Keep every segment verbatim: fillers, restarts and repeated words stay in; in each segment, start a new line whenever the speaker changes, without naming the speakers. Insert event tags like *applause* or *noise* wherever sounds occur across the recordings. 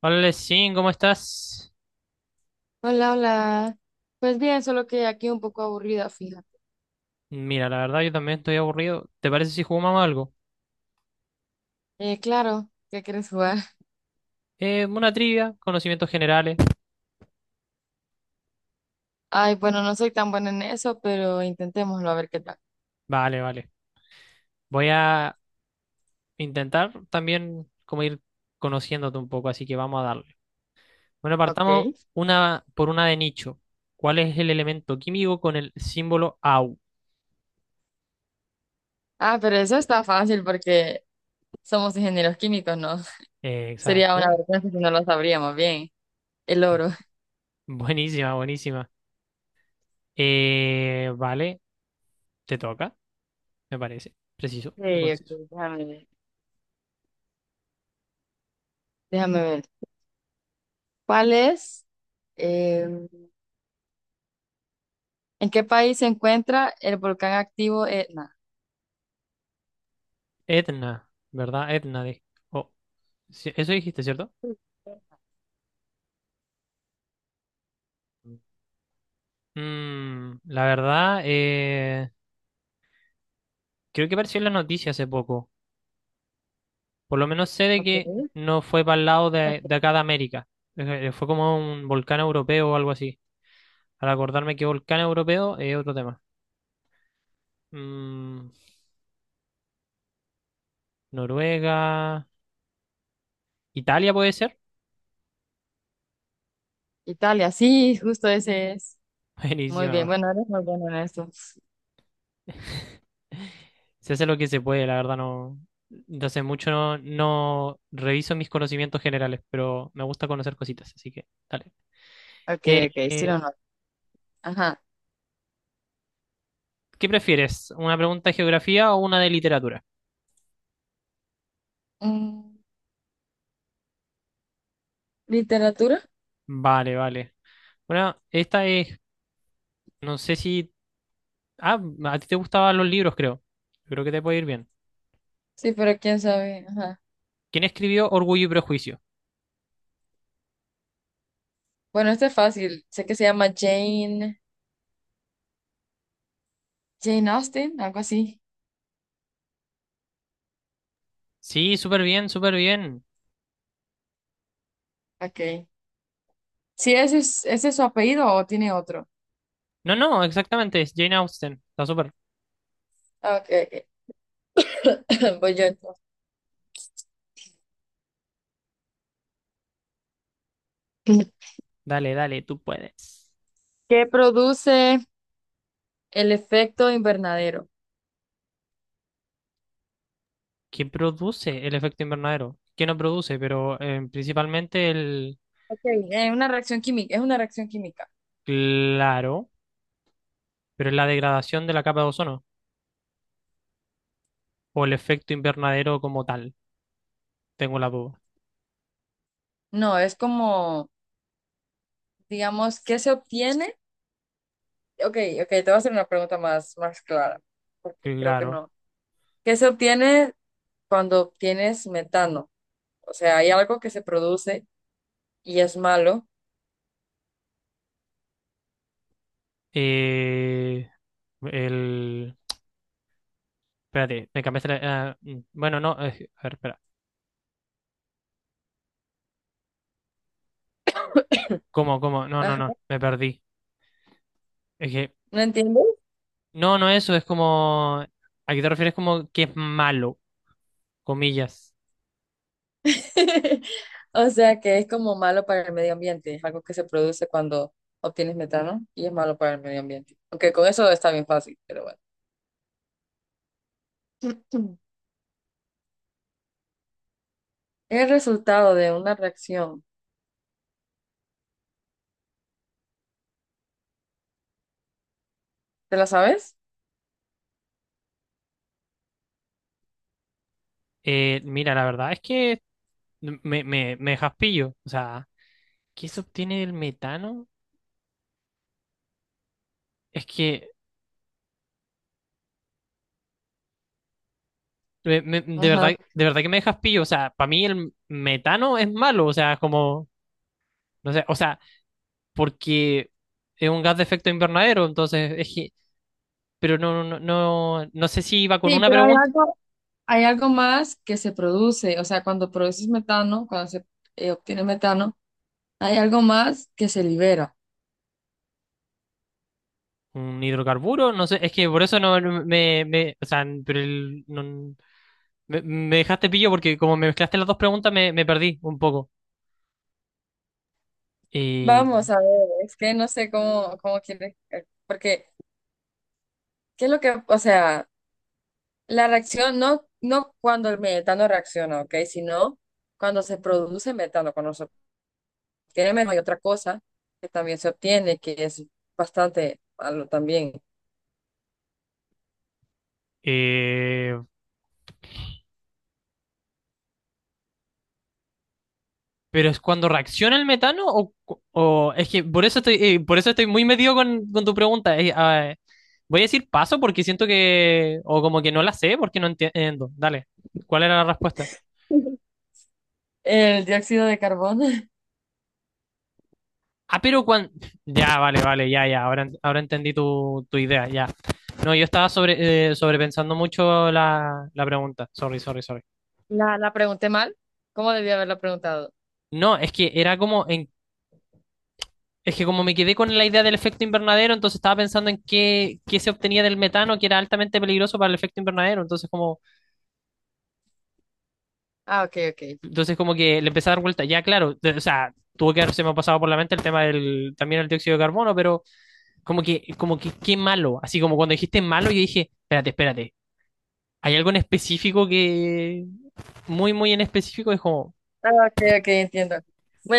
Hola, Lesin, ¿cómo estás?
Hola, hola. Pues bien, solo que aquí un poco aburrida, fíjate.
Mira, la verdad yo también estoy aburrido. ¿Te parece si jugamos algo?
Eh, claro, ¿qué quieres jugar? *laughs*
Eh, una trivia, conocimientos generales.
Ay, bueno, no soy tan buena en eso, pero intentémoslo a ver qué tal.
Vale, vale. Voy a intentar también como ir conociéndote un poco, así que vamos a darle. Bueno,
Ok.
partamos una por una de nicho. ¿Cuál es el elemento químico con el símbolo Au?
Ah, pero eso está fácil porque somos ingenieros químicos, ¿no? *laughs*
Eh,
Sería una
exacto.
vergüenza si no lo sabríamos bien. El
Eh,
oro.
*laughs* Buenísima, buenísima. Eh, vale, te toca, me parece. Preciso y
Sí, ok,
conciso.
déjame ver. Déjame ver. ¿Cuál es? eh, ¿En qué país se encuentra el volcán activo Etna?
Etna, ¿verdad? Etna de... o Sí, eso dijiste, ¿cierto? Mm, la verdad, eh, creo que apareció en la noticia hace poco. Por lo menos sé de que
Ok.
no fue para el lado de,
Ok.
de acá de América. Eh, eh, Fue como un volcán europeo o algo así. Al acordarme que volcán europeo es otro tema. Mm, Noruega, Italia puede ser.
Italia, sí, justo ese es.
*laughs*
Muy
Buenísima.
bien,
Weón.
bueno, eres muy bueno en eso.
Se hace lo que se puede, la verdad no. De hace mucho no, no reviso mis conocimientos generales, pero me gusta conocer cositas, así que dale.
Ok,
Eh,
ok, sí
eh,
o no. Ajá.
¿Qué prefieres? ¿Una pregunta de geografía o una de literatura?
Mm, ¿Literatura?
Vale, vale. Bueno, esta es, no sé si... Ah, a ti te gustaban los libros, creo. Creo que te puede ir bien.
Sí, pero quién sabe. Ajá.
¿Quién escribió Orgullo y Prejuicio?
Bueno, este es fácil. Sé que se llama Jane, Jane Austen, algo así.
Sí, súper bien, súper bien.
Ok. Sí, ese es, ese es su apellido o tiene otro.
No, no, exactamente, es Jane Austen. Está súper.
Ah, ok, ok. *coughs* *clears throat* Voy yo entonces.
Dale, dale, tú puedes.
¿Qué produce el efecto invernadero?
¿Quién produce el efecto invernadero? ¿Quién no produce? Pero eh, principalmente el...
Ok, es una reacción química, es una reacción química.
Claro, pero es la degradación de la capa de ozono o el efecto invernadero como tal. Tengo la duda.
No, es como, digamos, ¿qué se obtiene? Ok, ok, te voy a hacer una pregunta más, más clara, porque creo que
Claro.
no. ¿Qué se obtiene cuando obtienes metano? O sea, hay algo que se produce y es malo.
Eh, el... Espérate, me cambiaste la... ah, mm, bueno, no, eh, a ver, espera. ¿Cómo, cómo? No, no,
Ah,
no, me perdí. Es que...
¿no entiendes?
No, no eso, es como... ¿A qué te refieres como que es malo? Comillas.
*laughs* O sea, que es como malo para el medio ambiente. Es algo que se produce cuando obtienes metano y es malo para el medio ambiente. Aunque con eso está bien fácil, pero bueno. Mm. El resultado de una reacción. ¿Te la sabes?
Eh, mira, la verdad es que me, me, me dejas pillo. O sea, ¿qué se obtiene del metano? Es que... me- me- de verdad,
Ajá.
de verdad que me dejas pillo. O sea, para mí el metano es malo. O sea, es como... No sé, o sea... porque es un gas de efecto invernadero, entonces es que, pero no, no, no, no sé si iba con
Sí,
una
pero hay
pregunta,
algo. Hay algo más que se produce, o sea, cuando produces metano, cuando se eh, obtiene metano, hay algo más que se libera.
un hidrocarburo, no sé, es que por eso no no, me, me o sea, pero el- no- me, me dejaste pillo porque como me mezclaste las dos preguntas me, me perdí un poco. Eh,
Vamos a ver, es que no sé cómo, cómo quieres, eh, porque, ¿qué es lo que, o sea, la reacción, no, no cuando el metano reacciona, ¿ok? Sino cuando se produce metano, cuando se obtiene metano, hay otra cosa que también se obtiene, que es bastante malo también.
eh, pero es cuando reacciona el metano o, cu- o es que por eso estoy, eh, por eso estoy muy metido con, con tu pregunta. Eh, ah, voy a decir paso porque siento que, o como que no la sé porque no entiendo. Dale, ¿cuál era la respuesta?
*laughs* El dióxido de carbono. *laughs*
Ah, pero cuando... Ya, vale, vale, ya, ya. Ahora, ent- ahora entendí tu, tu idea, ya. No, yo estaba sobre, eh, sobrepensando mucho la, la pregunta. Sorry, sorry, sorry.
La, la pregunté mal. ¿Cómo debía haberla preguntado?
No, es que era como en... Es que como me quedé con la idea del efecto invernadero, entonces estaba pensando en qué, qué se obtenía del metano, que era altamente peligroso para el efecto invernadero. Entonces como,
Ah, ok, ok.
entonces como que le empecé a dar vuelta. Ya, claro, de- o sea, tuvo que haberse me ha pasado por la mente el tema del, también el dióxido de carbono, pero como que, como que qué malo. Así como cuando dijiste malo, yo dije, espérate, espérate. Hay algo en específico que, muy, muy en específico, es como,
Ah, ok, ok, entiendo.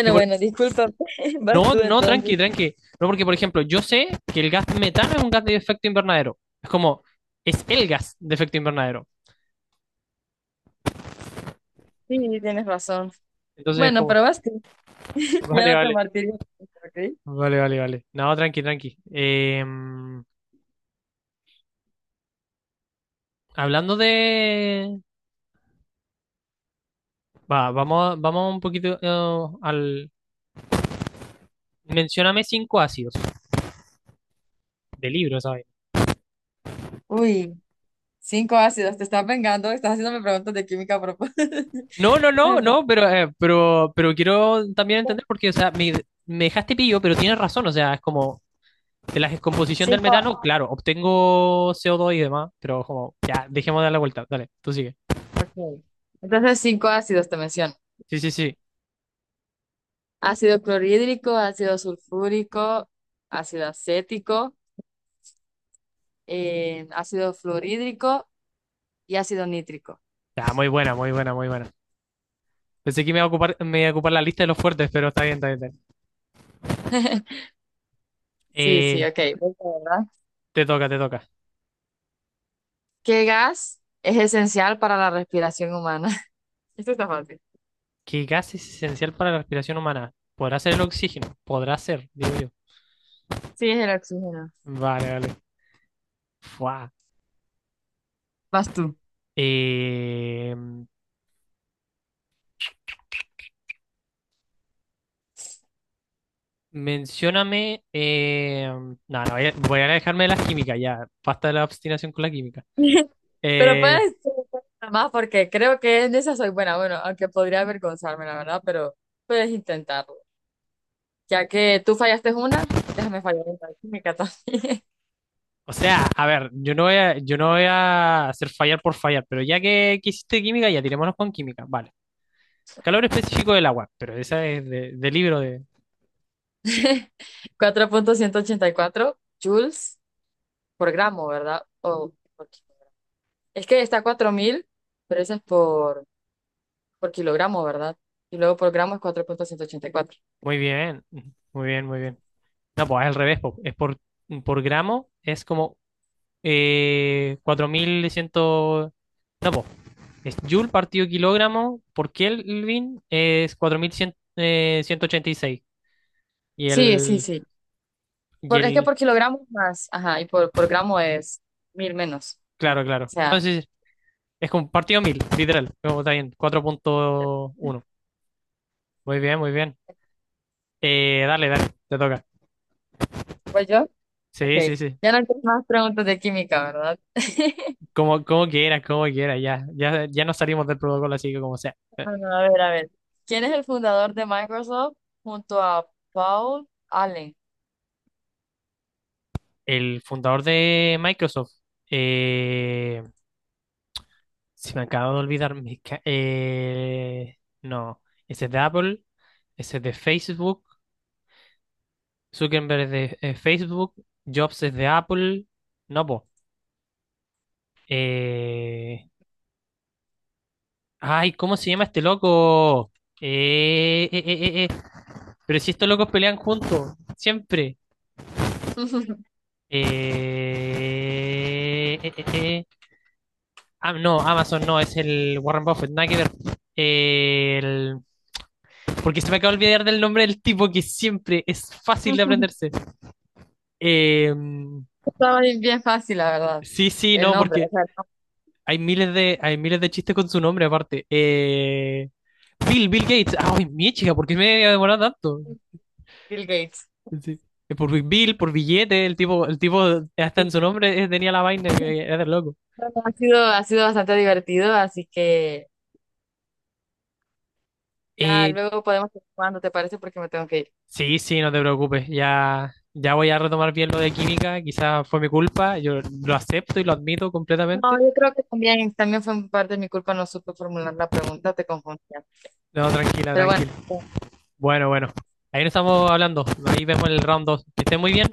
que por-
bueno, disculpa, *laughs* vas
no,
tú
no, tranqui,
entonces.
tranqui. No, porque, por ejemplo, yo sé que el gas metano es un gas de efecto invernadero. Es como, es el gas de efecto invernadero.
Sí, tienes razón.
Entonces es
Bueno,
como,
pero vas tú.
*laughs*
*laughs* Ya
vale,
no te
vale,
martirio, ¿ok?
vale, vale, vale. No, tranqui, tranqui. Eh, hablando de... Va, vamos, vamos un poquito eh, al... Mencióname cinco ácidos de libros.
Uy, cinco ácidos, te estás vengando, estás haciéndome preguntas de química a propósito. *laughs*
No, no, no,
Ay, pero-
no, pero, eh, pero, pero quiero también entender porque, o sea, me, me dejaste pillo, pero tienes razón, o sea, es como de la descomposición del
Cinco.
metano, claro, obtengo co dos y demás, pero como, ya, dejemos de dar la vuelta, dale, tú sigue.
Ok. Entonces, cinco ácidos te menciono.
Sí, sí, sí.
Ácido clorhídrico, ácido sulfúrico, ácido acético, eh, ácido fluorhídrico y ácido nítrico.
Ya, muy buena, muy buena, muy buena. Pensé que me iba a ocupar, me iba a ocupar la lista de los fuertes, pero está bien, está bien, está bien.
*laughs* Sí, sí,
Eh,
ok.
te toca, te toca.
¿Qué gas es esencial para la respiración humana? *laughs* Esto está fácil.
¿Qué gas es esencial para la respiración humana? ¿Podrá ser el oxígeno? Podrá ser, digo yo.
Sí, es el oxígeno.
Vale, vale. Fuá.
Vas tú.
Eh, Mencióname. eh, no, no, voy a, voy a dejarme de las químicas ya. Basta de la obstinación con la química.
*laughs* Pero
Eh,
puedes intentar más porque creo que en esa soy buena. Bueno, aunque podría avergonzarme, la verdad, pero puedes intentarlo. Ya que tú fallaste una, déjame fallar en la química también.
o sea, a ver, yo no voy a, yo no voy a hacer fallar por fallar, pero ya que, que hiciste química, ya tirémonos con química. Vale. Calor específico del agua, pero esa es de, de libro de.
*laughs* Cuatro punto ciento ochenta y cuatro joules por gramo, ¿verdad? O por ki- es que está cuatro mil, pero eso es por, por kilogramo, ¿verdad? Y luego por gramo es cuatro punto ciento ochenta y cuatro.
Muy bien, muy bien, muy bien. No, pues es al revés, po. Es por, por gramo, es como eh, cuatro mil cien. No, pues es joule partido kilogramo por Kelvin es cuatro mil cien eh, ciento ochenta y seis y
Sí, sí,
el,
sí.
y
Por, es que
el,
por kilogramos más, ajá, y por, por gramo es mil menos, ¿no? O
claro, claro. No,
sea,
es sí, es como partido mil literal. Como está bien, cuatro punto uno. Muy bien, muy bien. Eh, dale, dale, te toca.
pues yo, ok.
Sí, sí, sí.
Ya no tengo más preguntas de química, ¿verdad? *laughs*
Como, como quieras, como quieras, ya, ya, ya nos salimos del protocolo, así que como sea.
Bueno, a ver, a ver. ¿Quién es el fundador de Microsoft junto a Paul Allen?
El fundador de Microsoft, eh, se me acaba de olvidar mi... ca- eh, no, ese es de Apple, ese es de Facebook, Zuckerberg es de eh, Facebook, Jobs es de Apple, no, po. Eh, Ay, ¿cómo se llama este loco? Eh, eh, eh, eh, eh, Pero si estos locos pelean juntos, siempre. Eh, eh, eh, eh. Ah, no, Amazon no, es el Warren Buffett, nada que ver. El- Porque se me acaba de olvidar del nombre del tipo que siempre es fácil de
*laughs*
aprenderse. Eh,
Estaba bien, bien fácil, la verdad.
sí, sí,
El
no,
nombre, o
porque
sea, el nombre
hay miles de, hay miles de chistes con su nombre aparte. Eh, Bill, Bill Gates. Ay, mi chica, ¿por qué me he demorado tanto?
Bill Gates.
Sí. Es por Bill, por billete, el tipo, el tipo, hasta en
Sí.
su nombre eh, tenía la vaina que era de loco.
Bueno, ha sido, ha sido bastante divertido, así que ya
Eh,
luego podemos ir jugando, ¿te parece? Porque me tengo que ir.
sí, sí, no te preocupes, ya, ya voy a retomar bien lo de química, quizás fue mi culpa, yo lo acepto y lo admito
No,
completamente.
yo creo que también, también fue parte de mi culpa, no supe formular la pregunta, te confundía.
No, tranquila,
Pero bueno,
tranquila. Bueno, bueno. Ahí nos estamos hablando. Ahí vemos el round dos. Que esté muy bien.